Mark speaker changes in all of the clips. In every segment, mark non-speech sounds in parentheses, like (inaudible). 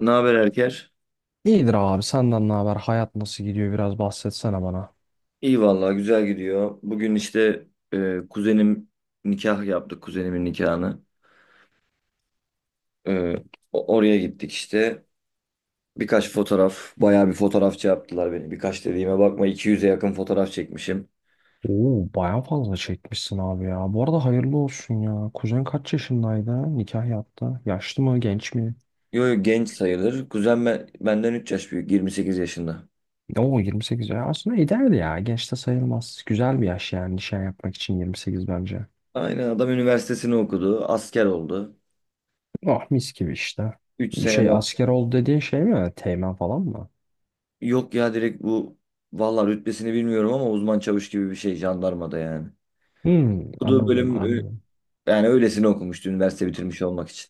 Speaker 1: Ne haber Erker?
Speaker 2: İyidir abi, senden ne haber? Hayat nasıl gidiyor? Biraz bahsetsene bana.
Speaker 1: İyi vallahi güzel gidiyor. Bugün işte kuzenim nikah yaptık kuzenimin nikahını. E, Oraya gittik işte. Birkaç fotoğraf, bayağı bir fotoğrafçı yaptılar beni. Birkaç dediğime bakma 200'e yakın fotoğraf çekmişim.
Speaker 2: Oo baya fazla çekmişsin abi ya. Bu arada hayırlı olsun ya. Kuzen kaç yaşındaydı? Nikah yaptı. Yaşlı mı? Genç mi?
Speaker 1: Yo, yo, genç sayılır. Kuzen benden 3 yaş büyük, 28 yaşında.
Speaker 2: Oo 28 ya. Aslında ideal ya. Genç de sayılmaz. Güzel bir yaş yani nişan yapmak için 28 bence.
Speaker 1: Aynen adam üniversitesini okudu, asker oldu.
Speaker 2: Ah mis gibi işte.
Speaker 1: 3 sene
Speaker 2: Şey,
Speaker 1: daha.
Speaker 2: asker oldu dediğin şey mi? Teğmen falan mı?
Speaker 1: Yok ya direkt bu vallahi rütbesini bilmiyorum ama uzman çavuş gibi bir şey jandarmada yani.
Speaker 2: Hmm,
Speaker 1: Bu da
Speaker 2: anladım
Speaker 1: bölüm
Speaker 2: anladım.
Speaker 1: Yani öylesine okumuştu üniversite bitirmiş olmak için.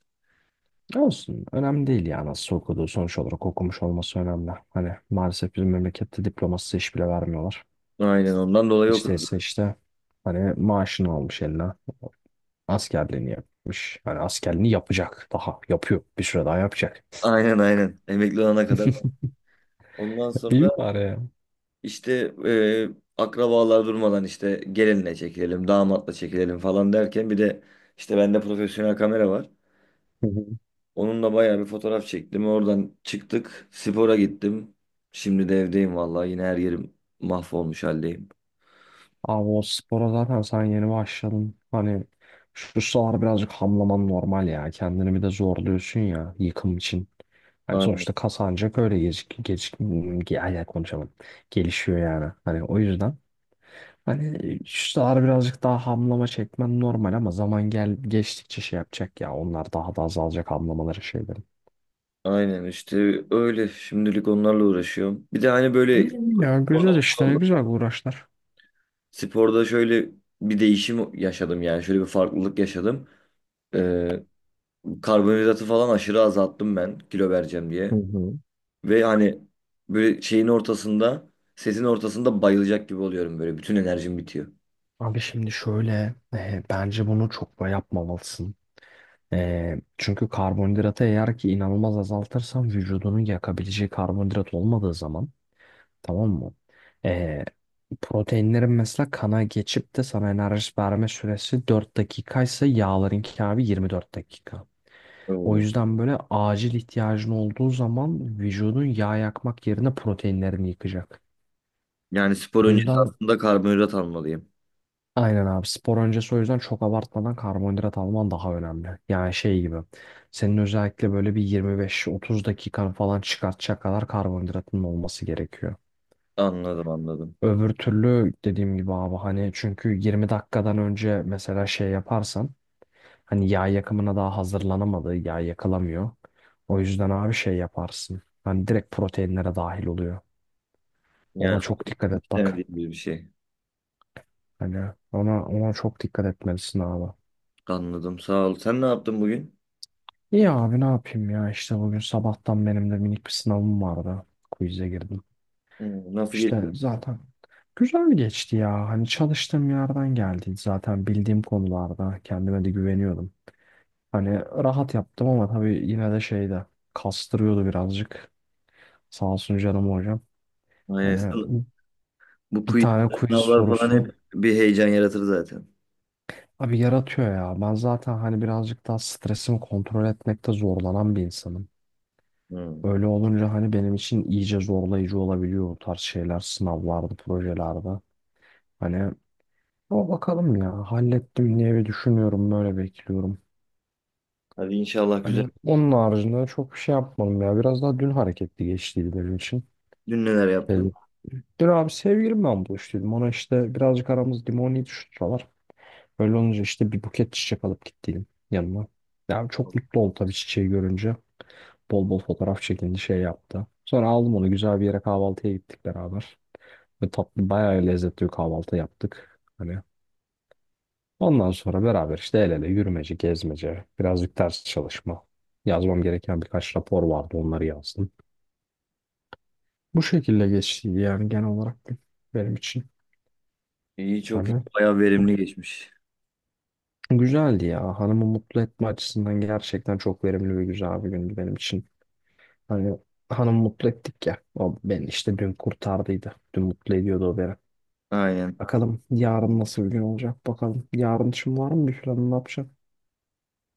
Speaker 2: Olsun. Önemli değil ya nasıl okuduğu. Sonuç olarak okumuş olması önemli. Hani maalesef bizim memlekette diplomasız iş bile vermiyorlar.
Speaker 1: Aynen ondan dolayı
Speaker 2: Hiç
Speaker 1: okudum.
Speaker 2: değilse işte, hani maaşını almış eline. Askerliğini yapmış. Hani askerliğini yapacak. Daha yapıyor. Bir süre daha yapacak.
Speaker 1: Aynen aynen. Emekli olana kadar. Ondan
Speaker 2: (laughs) İyi
Speaker 1: sonra
Speaker 2: bari ya.
Speaker 1: işte akrabalar durmadan işte gelinle çekilelim, damatla çekilelim falan derken bir de işte bende profesyonel kamera var.
Speaker 2: Hı hı.
Speaker 1: Onunla bayağı bir fotoğraf çektim. Oradan çıktık, spora gittim. Şimdi de evdeyim vallahi yine her yerim mahvolmuş haldeyim.
Speaker 2: Abi o spora zaten sen yeni başladın. Hani şu sıralar birazcık hamlaman normal ya. Kendini bir de zorluyorsun ya yıkım için. Yani
Speaker 1: Aynen.
Speaker 2: sonuçta kas ancak öyle ay, ay, konuşamadım. Gelişiyor yani. Hani o yüzden hani şu sıralar birazcık daha hamlama çekmen normal, ama zaman gel geçtikçe şey yapacak ya. Onlar daha da azalacak, hamlamaları şeyleri.
Speaker 1: Aynen işte öyle. Şimdilik onlarla uğraşıyorum. Bir de hani böyle
Speaker 2: İyi ya,
Speaker 1: orada
Speaker 2: güzel
Speaker 1: şey
Speaker 2: işte, ne
Speaker 1: oldu.
Speaker 2: güzel uğraşlar.
Speaker 1: Sporda şöyle bir değişim yaşadım yani şöyle bir farklılık yaşadım. Ee, karbonhidratı falan aşırı azalttım ben kilo vereceğim
Speaker 2: Hı
Speaker 1: diye.
Speaker 2: hı.
Speaker 1: Ve hani böyle şeyin ortasında sesin ortasında bayılacak gibi oluyorum böyle bütün enerjim bitiyor.
Speaker 2: Abi şimdi şöyle bence bunu çok da yapmamalısın. Çünkü karbonhidratı eğer ki inanılmaz azaltırsan vücudunun yakabileceği karbonhidrat olmadığı zaman, tamam mı? Ee, Proteinlerin mesela kana geçip de sana enerji verme süresi 4 dakikaysa yağlarınki abi 24 dakika. O
Speaker 1: Oo.
Speaker 2: yüzden böyle acil ihtiyacın olduğu zaman vücudun yağ yakmak yerine proteinlerini yıkacak.
Speaker 1: Yani spor
Speaker 2: O
Speaker 1: öncesi
Speaker 2: yüzden,
Speaker 1: aslında karbonhidrat almalıyım.
Speaker 2: aynen abi, spor öncesi o yüzden çok abartmadan karbonhidrat alman daha önemli. Yani şey gibi, senin özellikle böyle bir 25-30 dakikan falan çıkartacak kadar karbonhidratın olması gerekiyor.
Speaker 1: Anladım anladım.
Speaker 2: Öbür türlü dediğim gibi abi, hani çünkü 20 dakikadan önce mesela şey yaparsan hani yağ yakımına daha hazırlanamadığı, yağ yakılamıyor. O yüzden abi şey yaparsın, hani direkt proteinlere dahil oluyor. Ona
Speaker 1: Yani
Speaker 2: çok dikkat et bak,
Speaker 1: istemediğim bir şey.
Speaker 2: hani ona çok dikkat etmelisin abi.
Speaker 1: Anladım sağ ol. Sen ne yaptın bugün?
Speaker 2: İyi abi, ne yapayım ya, işte bugün sabahtan benim de minik bir sınavım vardı. Quiz'e girdim.
Speaker 1: Hmm, nasıl
Speaker 2: İşte
Speaker 1: geçti?
Speaker 2: zaten güzel geçti ya. Hani çalıştığım yerden geldi. Zaten bildiğim konularda kendime de güveniyordum. Hani rahat yaptım ama tabii yine de şeyde kastırıyordu birazcık. Sağ olsun canım hocam.
Speaker 1: Aynen.
Speaker 2: Hani
Speaker 1: Bu
Speaker 2: bir
Speaker 1: quiz
Speaker 2: tane quiz
Speaker 1: Sınavlar falan
Speaker 2: sorusu
Speaker 1: hep bir heyecan yaratır zaten.
Speaker 2: abi yaratıyor ya. Ben zaten hani birazcık daha stresimi kontrol etmekte zorlanan bir insanım.
Speaker 1: Hmm.
Speaker 2: Öyle olunca hani benim için iyice zorlayıcı olabiliyor o tarz şeyler, sınavlarda, projelerde. Hani o, bakalım ya, hallettim diye bir düşünüyorum, böyle bekliyorum.
Speaker 1: Hadi inşallah güzel.
Speaker 2: Hani onun haricinde çok bir şey yapmadım ya. Biraz daha dün hareketli geçtiydi benim için.
Speaker 1: Dün neler
Speaker 2: Ee,
Speaker 1: yaptın?
Speaker 2: Dün abi sevgilimle buluştuydum. Ona işte, birazcık aramız limoni tutuşturalar. Öyle olunca işte bir buket çiçek alıp gittiydim yanıma. Yani çok mutlu oldu tabii çiçeği görünce. Bol bol fotoğraf çekindi, şey yaptı. Sonra aldım onu, güzel bir yere kahvaltıya gittik beraber. Ve tatlı, bayağı lezzetli bir kahvaltı yaptık. Hani ondan sonra beraber işte el ele yürümece, gezmece, birazcık ders çalışma. Yazmam gereken birkaç rapor vardı, onları yazdım. Bu şekilde geçti yani genel olarak gün benim için.
Speaker 1: İyi çok iyi.
Speaker 2: Hani
Speaker 1: Bayağı verimli geçmiş.
Speaker 2: güzeldi ya. Hanımı mutlu etme açısından gerçekten çok verimli ve güzel bir gündü benim için. Hani hanımı mutlu ettik ya. O beni işte dün kurtardıydı. Dün mutlu ediyordu o beni.
Speaker 1: Aynen.
Speaker 2: Bakalım yarın nasıl bir gün olacak bakalım. Yarın için var mı bir planın, ne yapacaksın?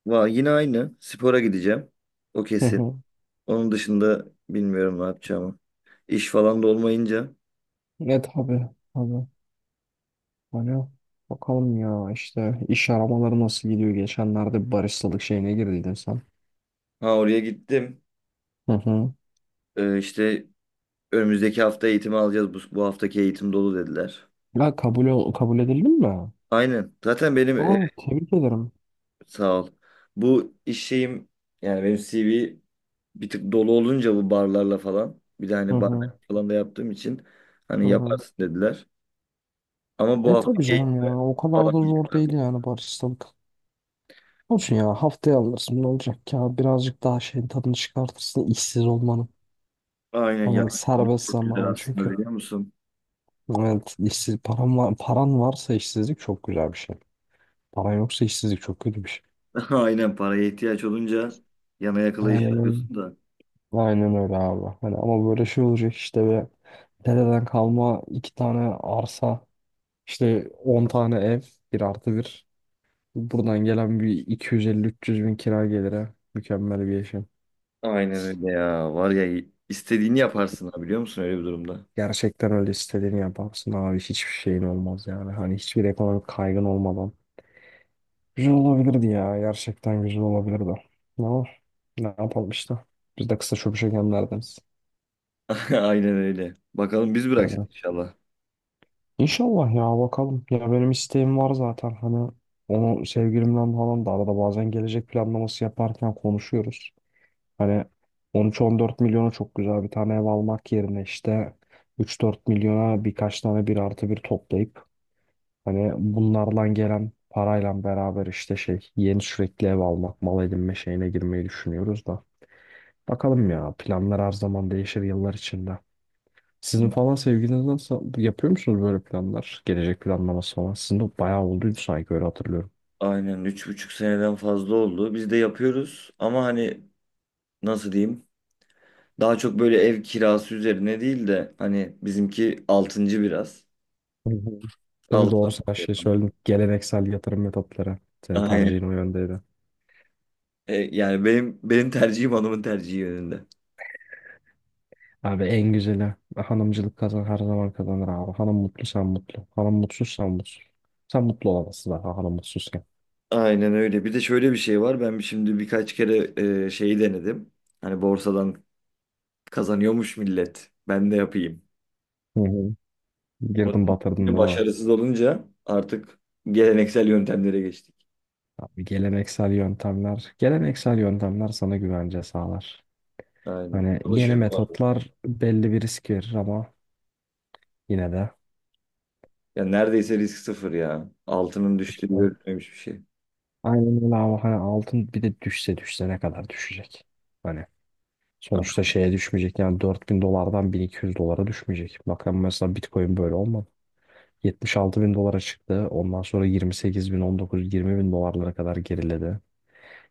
Speaker 1: Yine aynı. Spora gideceğim. O kesin.
Speaker 2: (laughs)
Speaker 1: Onun dışında bilmiyorum ne yapacağımı. İş falan da olmayınca.
Speaker 2: Ne, tabii. Hani bakalım ya, işte iş aramaları nasıl gidiyor? Geçenlerde bir baristalık şeyine girdiydin sen.
Speaker 1: Ha oraya gittim.
Speaker 2: Hı hı.
Speaker 1: İşte önümüzdeki hafta eğitimi alacağız. Bu haftaki eğitim dolu dediler.
Speaker 2: Ya kabul edildin mi?
Speaker 1: Aynen.
Speaker 2: Aa, tebrik ederim.
Speaker 1: Sağ ol. Bu iş şeyim yani benim CV bir tık dolu olunca bu barlarla falan. Bir de
Speaker 2: Hı
Speaker 1: hani barman
Speaker 2: hı.
Speaker 1: falan da yaptığım için hani
Speaker 2: Hı hı.
Speaker 1: yaparsın dediler. Ama bu
Speaker 2: E
Speaker 1: hafta
Speaker 2: tabii canım ya,
Speaker 1: keyifle
Speaker 2: o kadar da zor
Speaker 1: alamayacağım.
Speaker 2: değil yani baristalık. Olsun ya, haftaya alırsın, ne olacak ki ya, birazcık daha şeyin tadını çıkartırsın işsiz olmanın.
Speaker 1: Aynen ya.
Speaker 2: Hani
Speaker 1: İşsizlik
Speaker 2: serbest
Speaker 1: çok güzel
Speaker 2: zamanı
Speaker 1: aslında
Speaker 2: çünkü.
Speaker 1: biliyor musun?
Speaker 2: Evet, işsiz paran var, paran varsa işsizlik çok güzel bir şey. Paran yoksa işsizlik çok kötü bir şey.
Speaker 1: (laughs) Aynen paraya ihtiyaç olunca yana yakıla
Speaker 2: Aynen
Speaker 1: iş
Speaker 2: öyle.
Speaker 1: yapıyorsun da.
Speaker 2: Aynen öyle abi. Hani ama böyle şey olacak işte, ve dededen kalma iki tane arsa, işte 10 tane ev, bir artı bir. Buradan gelen bir iki yüz elli üç yüz bin kira gelire mükemmel bir yaşam.
Speaker 1: Aynen öyle ya. Var ya istediğini yaparsın ha biliyor musun öyle bir durumda?
Speaker 2: Gerçekten öyle, istediğini yaparsın abi, hiçbir şeyin olmaz yani. Hani hiçbir ekonomik kaygın olmadan. Güzel olabilirdi ya, gerçekten güzel olabilirdi. Ama ne yapalım işte. Biz de kısa çöpüşe gemlerdeniz.
Speaker 1: (laughs) Aynen öyle. Bakalım biz bırakacağız inşallah.
Speaker 2: İnşallah ya, bakalım. Ya benim isteğim var zaten, hani onu sevgilimden falan da arada bazen gelecek planlaması yaparken konuşuyoruz. Hani 13-14 milyona çok güzel bir tane ev almak yerine işte 3-4 milyona birkaç tane bir artı bir toplayıp, hani bunlardan gelen parayla beraber işte şey, yeni sürekli ev almak, mal edinme şeyine girmeyi düşünüyoruz da. Bakalım ya, planlar her zaman değişir yıllar içinde. Sizin falan sevgiliniz nasıl, yapıyor musunuz böyle planlar? Gelecek planlaması falan. Sizin de bayağı olduydu sanki öyle hatırlıyorum.
Speaker 1: Aynen 3,5 seneden fazla oldu. Biz de yapıyoruz ama hani nasıl diyeyim? Daha çok böyle ev kirası üzerine değil de hani bizimki altıncı biraz.
Speaker 2: Hı hı. Tabii
Speaker 1: Altı.
Speaker 2: doğru, sen şey söyledin. Geleneksel yatırım metotları.
Speaker 1: (laughs)
Speaker 2: Senin
Speaker 1: Aynen.
Speaker 2: tercihin o yöndeydi.
Speaker 1: Yani benim tercihim hanımın tercihi yönünde.
Speaker 2: Abi en güzeli hanımcılık, kazan her zaman kazanır abi. Hanım mutlu sen mutlu. Hanım mutsuz sen mutsuz. Sen mutlu olamazsın daha hanım mutsuzken.
Speaker 1: Aynen öyle. Bir de şöyle bir şey var. Ben şimdi birkaç kere şeyi denedim. Hani borsadan kazanıyormuş millet. Ben de yapayım.
Speaker 2: Hı hı.
Speaker 1: Ama
Speaker 2: Girdin batırdın
Speaker 1: (laughs)
Speaker 2: değil mi?
Speaker 1: başarısız olunca artık geleneksel yöntemlere geçtik.
Speaker 2: Abi geleneksel yöntemler sana güvence sağlar.
Speaker 1: Aynen.
Speaker 2: Hani yeni
Speaker 1: Çalışıyor mu abi?
Speaker 2: metotlar belli bir risk verir ama yine de,
Speaker 1: Ya neredeyse risk sıfır ya. Altının düştüğü
Speaker 2: işte
Speaker 1: görülmemiş bir şey.
Speaker 2: aynen öyle abi. Hani altın bir de düşse düşse ne kadar düşecek? Hani
Speaker 1: Ah.
Speaker 2: sonuçta şeye düşmeyecek yani, 4.000 dolardan 1.200 dolara düşmeyecek. Bakın mesela Bitcoin böyle olmadı. 76 bin dolara çıktı. Ondan sonra 28 bin, 19, 20 bin dolarlara kadar geriledi.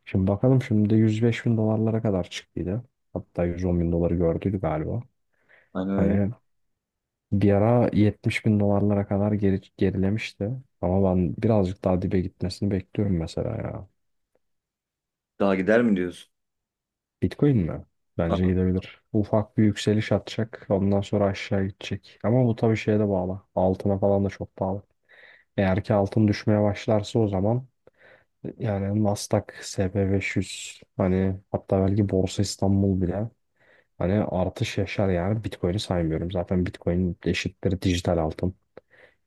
Speaker 2: Şimdi bakalım, şimdi de 105 bin dolarlara kadar çıktıydı. Hatta 110 bin doları gördüydü galiba.
Speaker 1: Aynen öyle.
Speaker 2: Hani bir ara 70 bin dolarlara kadar gerilemişti. Ama ben birazcık daha dibe gitmesini bekliyorum mesela ya.
Speaker 1: Daha gider mi diyorsun?
Speaker 2: Bitcoin mi?
Speaker 1: Ah.
Speaker 2: Bence gidebilir. Ufak bir yükseliş atacak. Ondan sonra aşağı gidecek. Ama bu tabii şeye de bağlı. Altına falan da çok bağlı. Eğer ki altın düşmeye başlarsa o zaman, yani Nasdaq, SP500, hani hatta belki Borsa İstanbul bile hani artış yaşar, yani Bitcoin'i saymıyorum. Zaten Bitcoin eşittir dijital altın.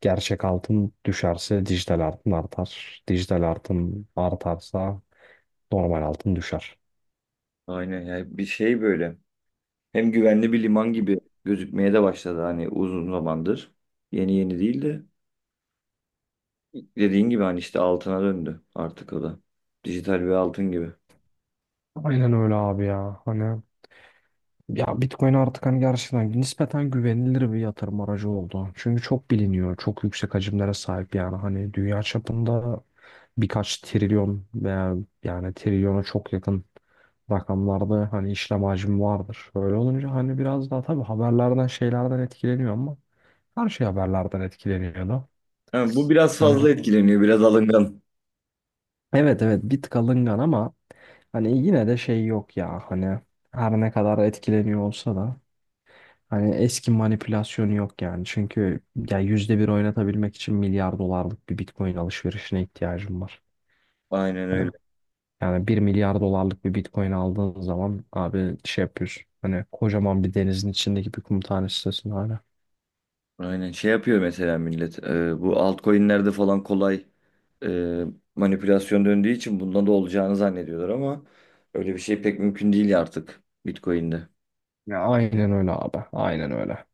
Speaker 2: Gerçek altın düşerse dijital altın artar. Dijital altın artarsa normal altın düşer.
Speaker 1: Aynen. Yani bir şey böyle. Hem güvenli bir liman gibi gözükmeye de başladı hani uzun zamandır. Yeni yeni değil de dediğin gibi hani işte altına döndü artık o da. Dijital bir altın gibi.
Speaker 2: Aynen öyle abi ya. Hani ya Bitcoin artık hani gerçekten nispeten güvenilir bir yatırım aracı oldu. Çünkü çok biliniyor. Çok yüksek hacimlere sahip yani. Hani dünya çapında birkaç trilyon veya yani trilyona çok yakın rakamlarda hani işlem hacmi vardır. Öyle olunca hani biraz daha tabii haberlerden şeylerden etkileniyor ama her şey haberlerden etkileniyor da.
Speaker 1: Ha, bu biraz fazla
Speaker 2: Hani
Speaker 1: etkileniyor, biraz alıngan.
Speaker 2: evet, bir tık alıngan ama hani yine de şey yok ya, hani her ne kadar etkileniyor olsa da hani eski manipülasyonu yok yani. Çünkü ya yüzde bir oynatabilmek için milyar dolarlık bir Bitcoin alışverişine ihtiyacım var.
Speaker 1: Aynen
Speaker 2: Hani
Speaker 1: öyle.
Speaker 2: yani bir milyar dolarlık bir Bitcoin aldığın zaman abi şey yapıyorsun, hani kocaman bir denizin içindeki bir kum tanesisin hala.
Speaker 1: Aynen şey yapıyor mesela millet. Bu altcoin'lerde falan kolay e, manipülasyon döndüğü için bundan da olacağını zannediyorlar ama öyle bir şey pek mümkün değil artık Bitcoin'de.
Speaker 2: Ya aynen öyle abi. Aynen öyle.